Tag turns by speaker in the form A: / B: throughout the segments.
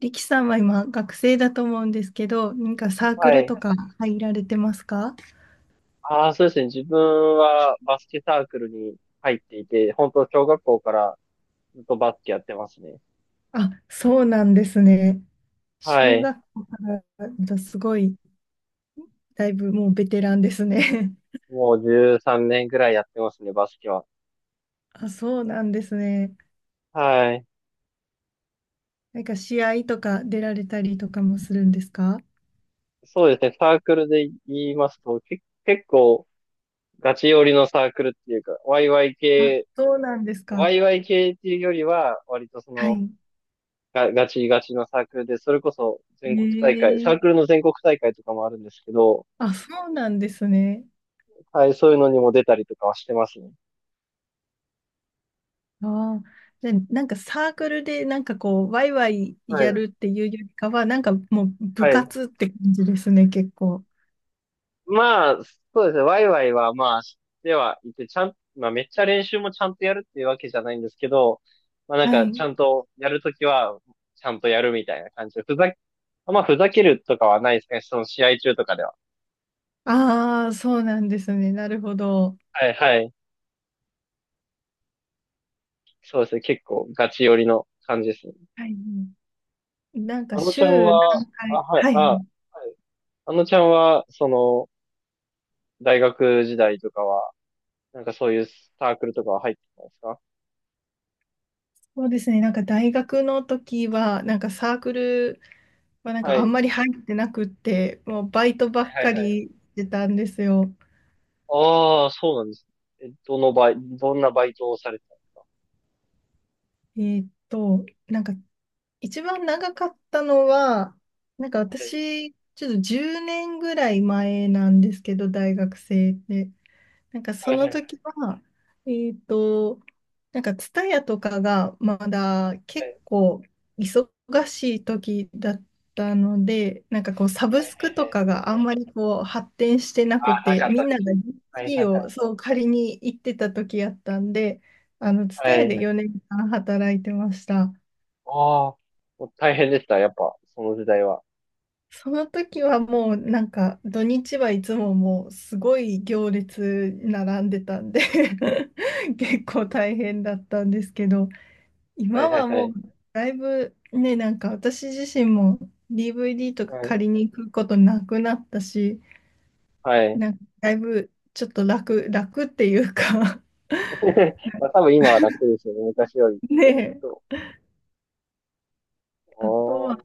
A: 力さんは今学生だと思うんですけど、何かサーク
B: は
A: ル
B: い。
A: とか入られてますか？
B: ああ、そうですね。自分はバスケサークルに入っていて、本当小学校からずっとバスケやってますね。
A: あ、そうなんですね。
B: は
A: 小
B: い。
A: 学校からだすごい、だいぶもうベテランですね。
B: もう13年ぐらいやってますね、バスケは。
A: あ、そうなんですね。
B: はい。
A: なんか試合とか出られたりとかもするんですか？
B: そうですね。サークルで言いますと、結構ガチ寄りのサークルっていうか、
A: あ、そうなんですか。
B: ワイワイ系っていうよりは、割とそ
A: は
B: の、
A: い。
B: ガガチガチのサークルで、それこそ全国大会、サ
A: え
B: ークル
A: え、
B: の全国大会とかもあるんですけど、
A: あ、そうなんですね。
B: はい、そういうのにも出たりとかはしてますね。
A: ああ、で、なんかサークルでなんかこう、ワイワイ
B: は
A: や
B: い。
A: るっていうよりかは、なんかもう
B: は
A: 部
B: い。
A: 活って感じですね、結構。
B: まあ、そうですね。ワイワイは、まあ、ではいて、ちゃん、まあ、めっちゃ練習もちゃんとやるっていうわけじゃないんですけど、まあ、なん
A: は
B: か、ち
A: い。
B: ゃんとやるときは、ちゃんとやるみたいな感じで、ふざけ、まあ、ふざけるとかはないですね。その試合中とかでは。
A: ああ、そうなんですね。なるほど。
B: はいはい。そうですね。結構、ガチ寄りの感じですね。
A: はい。なんか
B: あのちゃん
A: 週何
B: は、あ、
A: 回、
B: はい、
A: は
B: あ、は
A: い。
B: い。あのちゃんは、その、大学時代とかは、なんかそういうサークルとかは入ってたんですか？
A: そうですね。なんか大学の時は、サークルは
B: はい。
A: あ
B: は
A: んま
B: い
A: り入ってなくって、もうバイトばっ
B: はい
A: か
B: はい。
A: りしてたんですよ。
B: ああ、そうなんですね。え、どんなバイトをされてたんですか？
A: えーっと、なんか一番長かったのは、なんか私、ちょっと10年ぐらい前なんですけど、大学生で。なんか
B: は
A: そ
B: い、は
A: の
B: い、はい、
A: 時は、えっと、なんか TSUTAYA とかがまだ
B: は
A: 結
B: い、
A: 構忙しい時だったので、なんかこうサ
B: は
A: ブ
B: い、は
A: スクと
B: い。はい。
A: かがあんまりこう発展してな
B: あ
A: く
B: あ、な
A: て、
B: かっ
A: み
B: た
A: んなが
B: 時。
A: d
B: はい、は
A: d
B: い、
A: をそう借りに行ってた時やったんで、あの
B: は
A: TSUTAYA
B: い。
A: で
B: はい。
A: 4年間働いてました。
B: ああ、もう大変でした、やっぱ、その時代は。
A: その時はもうなんか土日はいつももうすごい行列並んでたんで 結構大変だったんですけど、
B: はい、
A: 今
B: はい、
A: は
B: は
A: もう
B: い。
A: だいぶね、なんか私自身も DVD とか
B: は
A: 借
B: い。
A: りに行くことなくなったし、
B: はい。
A: なんかだいぶちょっと楽っていうか。
B: まあ、多分今は楽ですよね、昔より。
A: ねえ。
B: そう。
A: あとは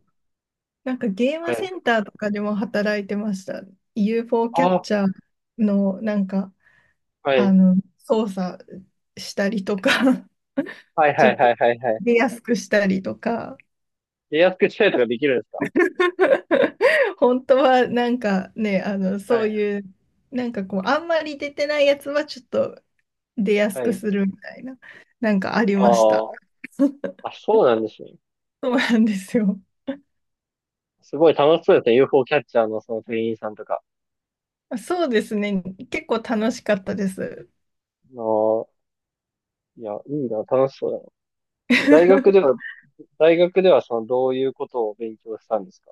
A: なんかゲー
B: ああ、
A: ム
B: は
A: セン
B: い。
A: ターとかでも働いてました。 UFO キャ
B: あ
A: ッ
B: あ、
A: チャーのなんか
B: は
A: あ
B: い。
A: の、操作したりとか、
B: はい、
A: ち
B: は
A: ょっ
B: い、は
A: と
B: い、はい、はい。
A: 出やすくしたりとか、
B: で、安くしたりとかできるんですか？
A: 本当はなんかね、あの、
B: は
A: そう
B: い、
A: いう、なんかこう、あんまり出てないやつはちょっと出やす
B: は
A: く
B: い。
A: するみたいな、なんかありまし
B: あ
A: た。
B: あ、あ、そうなんですね。
A: そうなんですよ。
B: すごい楽しそうですね、UFO キャッチャーのその店員さんとか。
A: そうですね、結構楽しかったです。
B: ああ、いや、いいな、楽しそうだな。大学で は、大学ではその、どういうことを勉強したんですか？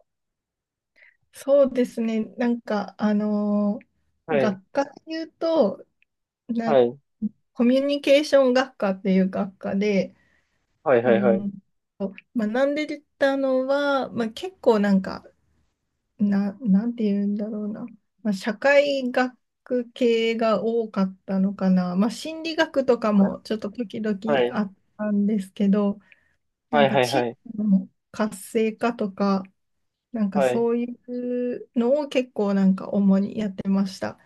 A: そうですね、なんか、
B: はい、
A: 学科で言うと、な
B: は
A: ん
B: い、
A: コミュニケーション学科っていう学科で、
B: はい、
A: う
B: はい、はい、
A: ん、と学んでたのは、まあ、結構なんか、なんて言うんだろうな、まあ、社会学系が多かったのかな、まあ、心理学とかもちょっと時々
B: はい、
A: あったんですけど、な
B: は
A: ん
B: い、
A: か
B: はい、
A: 地
B: は
A: 域
B: い、
A: の活性化とか、なんか
B: はい。
A: そういうのを結構なんか主にやってました。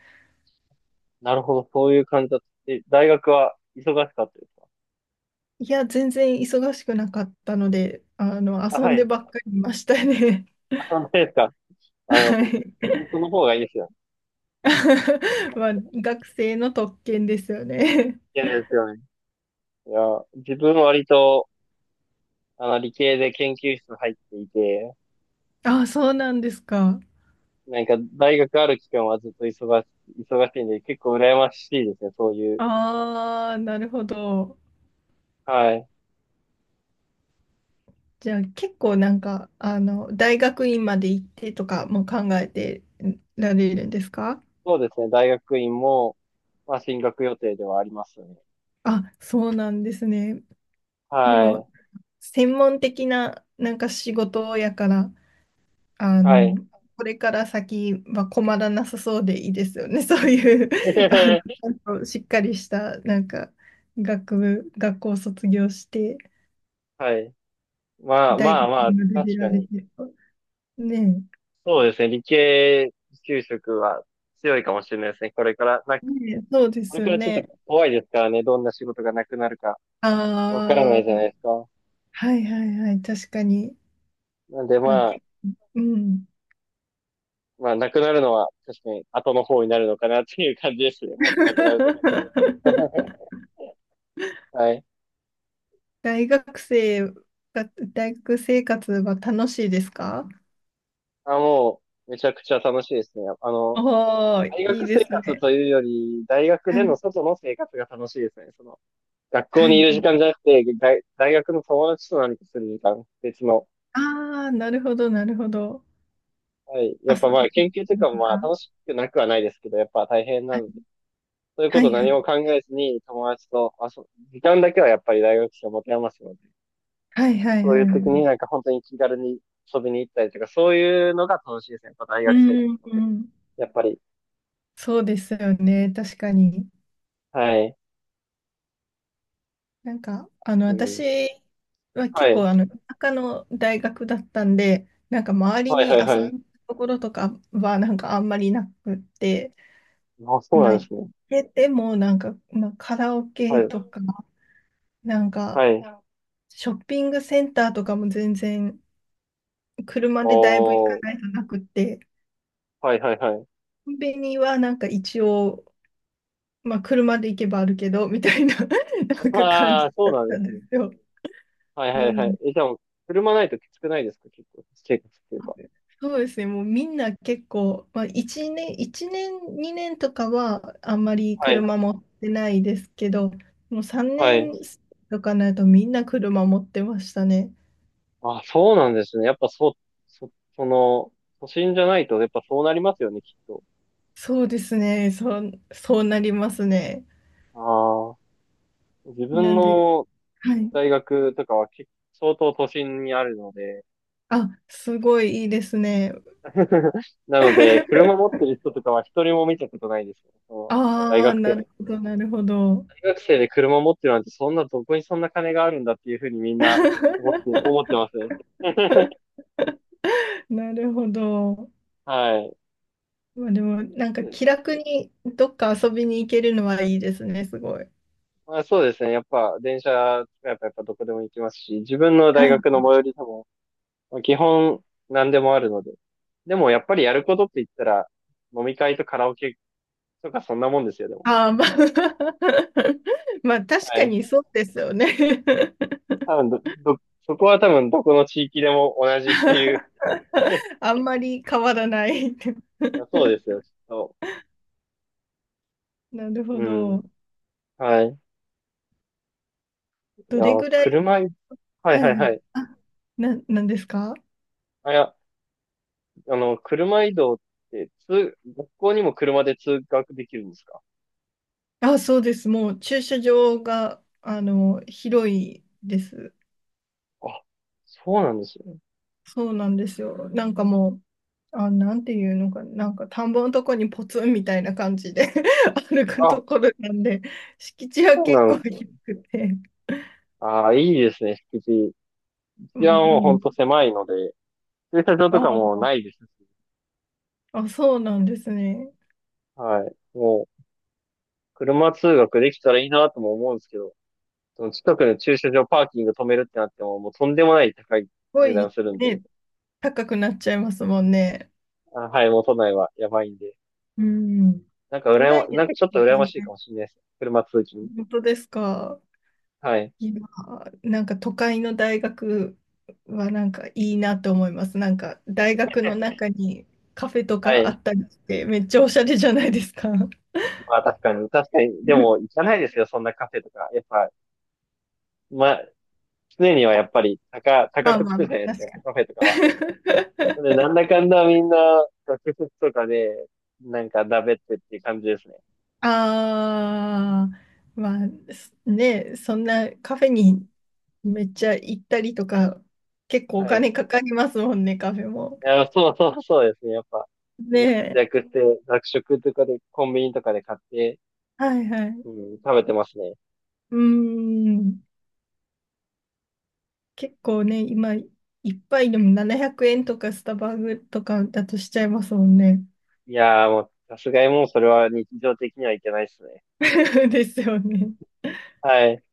B: なるほど、そういう感じだった。え、大学は忙しかったですか？
A: いや、全然忙しくなかったので、あの、
B: あ、
A: 遊
B: は
A: んで
B: い。
A: ばっかりいましたね。
B: あ、そうですか。あの、
A: は
B: そ、
A: い。
B: 本当の方がいいですよね。
A: まあ、学生の特権ですよね。
B: いやですよね。いや、自分は割と、あの、理系で研究室入っていて、
A: あ、そうなんですか。
B: なんか、大学ある期間はずっと忙し、忙しいんで、結構羨ましいですね、そういう。
A: ああ、なるほど。
B: はい。
A: じゃあ結構なんか、あの、大学院まで行ってとかも考えてられるんですか？
B: そうですね。大学院も、まあ、進学予定ではありますね。
A: あ、そうなんですね。で
B: は
A: も、
B: い。
A: 専門的ななんか仕事やから、あ
B: は
A: の、
B: い。
A: これから先は困らなさそうでいいですよね。そういう、あの、ち ゃんとしっかりした、なんか、学部、学校を卒業して、
B: はい。まあ
A: 大
B: まあ
A: 学
B: まあ、
A: まで
B: 確
A: 出ら
B: か
A: れ
B: に。
A: てると。ね
B: そうですね。理系就職は強いかもしれないですね。これから、なんか、
A: ねえ、そうで
B: こ
A: す
B: れか
A: よ
B: らちょっと
A: ね。
B: 怖いですからね。どんな仕事がなくなるか
A: あ
B: わからないじゃ
A: あ、
B: ないですか。
A: はいはいはい、確かに。
B: なんで
A: まあ、
B: まあ、
A: けうん。
B: まあ、なくなるのは確かに後の方になるのかなっていう感じですね。もしなくなるとき。はい。
A: 大学生が、大学生活は楽しいですか？
B: あ、もう、めちゃくちゃ楽しいですね。あの、
A: おおー、
B: 大
A: いい
B: 学
A: で
B: 生
A: す
B: 活
A: ね。
B: というより、大学
A: は
B: での
A: い。
B: 外の生活が楽しいですね。その、学校
A: は
B: にいる時
A: い。
B: 間じゃなくて、大学の友達と何かする時間、別の。
A: ああ、なるほど、なるほど。
B: はい。や
A: 遊
B: っぱまあ、
A: びに行
B: 研
A: っ
B: 究とい
A: た
B: う
A: り
B: かも
A: と
B: まあ、
A: か。
B: 楽しくなくはないですけど、やっぱ大変なので、そういうこ
A: は
B: と
A: いは
B: 何も
A: い。
B: 考えずに友達とあそぶ、時間だけはやっぱり大学生を持て余すので、
A: はいはい
B: そうい
A: は
B: う
A: いは
B: 時に
A: い。
B: なんか本当に気軽に遊びに行ったりとか、そういうのが楽しいですね。やっぱ大
A: う
B: 学生活
A: んうん
B: と
A: うん。
B: やっぱり。
A: そうですよね。確かに。
B: はい。
A: なんか、あの、
B: う
A: 私
B: ん。
A: は
B: は
A: 結
B: い。
A: 構、あの、田舎の大学だったんで、なんか周り
B: はい
A: に
B: はい
A: 遊び
B: は
A: に
B: い。
A: 行くところとかは、なんかあんまりなくって、
B: あ、そう
A: まあ、
B: なんで
A: 行
B: すね。
A: けても、なんか、まあ、カラオ
B: は
A: ケと
B: い。
A: か、なんか、
B: はい。
A: ショッピングセンターとかも全然、車でだいぶ行か
B: おー、
A: ないとなくって、
B: はいはいはい。
A: コンビニはなんか一応、まあ車で行けばあるけど、みたいな なんか感
B: あ
A: じ
B: あ、そう
A: だっ
B: なんで
A: たん
B: す
A: で
B: ね。
A: すよ。
B: はいは
A: な
B: い
A: ん
B: は
A: で、
B: い。え、じゃあ車ないときつくないですか？結構、生活っていうか。
A: そうですね、もうみんな結構、まあ1年、一年、2年とかはあんまり
B: はい。
A: 車持ってないですけど、もう3
B: はい。
A: 年とかになるとみんな車持ってましたね。
B: あ、そうなんですね。やっぱそう、そ、その、都心じゃないと、やっぱそうなりますよね、きっと。
A: そうですね、そうなりますね。
B: ああ、自
A: な
B: 分
A: んで、
B: の
A: はい。
B: 大学とかは結相当都心にあるので、
A: あ、すごいいいですね。
B: なので、車持っ てる人とかは一人も見たことないですよ。その大
A: ああ、
B: 学
A: なる
B: 生
A: ほど、なるほど。
B: 学生で車持ってるなんて、そんな、どこにそんな金があるんだっていうふうにみんな思って、思ってますね。
A: なるほど。
B: はい。
A: まあでも、なんか気楽にどっか遊びに行けるのはいいですね、すごい。
B: まあ、そうですね。やっぱ、電車使えばやっぱどこでも行きますし、自分の
A: は
B: 大
A: い。
B: 学の最寄りでも、まあ基本何でもあるので。でも、やっぱりやることって言ったら、飲み会とカラオケとかそんなもんですよ、でも。
A: ああ、まあ、まあ確
B: は
A: か
B: い。
A: にそうですよね。
B: 多分ど、ど、そこは多分どこの地域でも同じっていう。 い
A: あんまり変わらない。
B: やそうですよ、きっと。
A: なるほ
B: う
A: ど。
B: ん。はい。い
A: ど
B: や、
A: れぐらい、
B: 車い、はい
A: は
B: は
A: い
B: い
A: は
B: は
A: い。
B: い。
A: なんですか？
B: あ、いや、あの、車移動って、通、学校にも車で通学できるんですか？
A: あ、そうです。もう駐車場が、あの、広いです。
B: あ、そうなんですね。
A: そうなんですよ。なんかもう、あ、なんていうのかな、なんか田んぼのとこにポツンみたいな感じで 歩く
B: あ、
A: ところなんで、敷地は
B: そうな
A: 結
B: ん
A: 構
B: ですよ
A: 広
B: ね。
A: くて。
B: ああ、いいですね、敷地。
A: う
B: 治安はほ
A: ん、
B: んと狭いので、駐車場
A: あ
B: とかもな
A: ー、
B: いですし。
A: あ、そうなんですね。す
B: はい。もう、車通学できたらいいなとも思うんですけど、その近くの駐車場パーキング止めるってなっても、もうとんでもない高い
A: ご
B: 値段
A: い、
B: するんで、
A: ね、高くなっちゃいますもんね。
B: あ、はい、もう都内はやばいんで。
A: うん。
B: なんか
A: 都内で
B: なん
A: す。
B: かちょっと羨ま
A: 全
B: しいか
A: 然。
B: もしれないです。車通勤。
A: 本当ですか？
B: はい。
A: 今、なんか都会の大学はなんかいいなって思います。なんか大学の中にカフェと
B: は
A: かあ
B: い。
A: ったりして、めっちゃおしゃれじゃないですか。
B: まあ確かに、確かに。でも 行かないですよ、そんなカフェとか。やっぱ、まあ、常にはやっぱり
A: ま
B: 高
A: あ
B: くつ
A: まあ
B: くじ
A: ま
B: ゃな
A: あ、
B: いですか、
A: 確かに。
B: カフェとかは。で、なんだかんだみんな学食とかで、なんかだべってっていう感じですね。
A: ああ、まあ、すね、そんなカフェにめっちゃ行ったりとか、結構お
B: はい。い
A: 金かかりますもんね、カフェも。
B: や、そうそうそうですね、やっぱ。み
A: ね
B: んな節
A: え、
B: 約して、学食とかで、コンビニとかで買って、
A: はいはい。
B: うん、食べてますね。
A: うーん。結構ね、今、一杯でも700円とかスタバとかだとしちゃいますもんね。
B: いやーもう、さすがにもうそれは日常的にはいけないですね。
A: ですよね。
B: はい。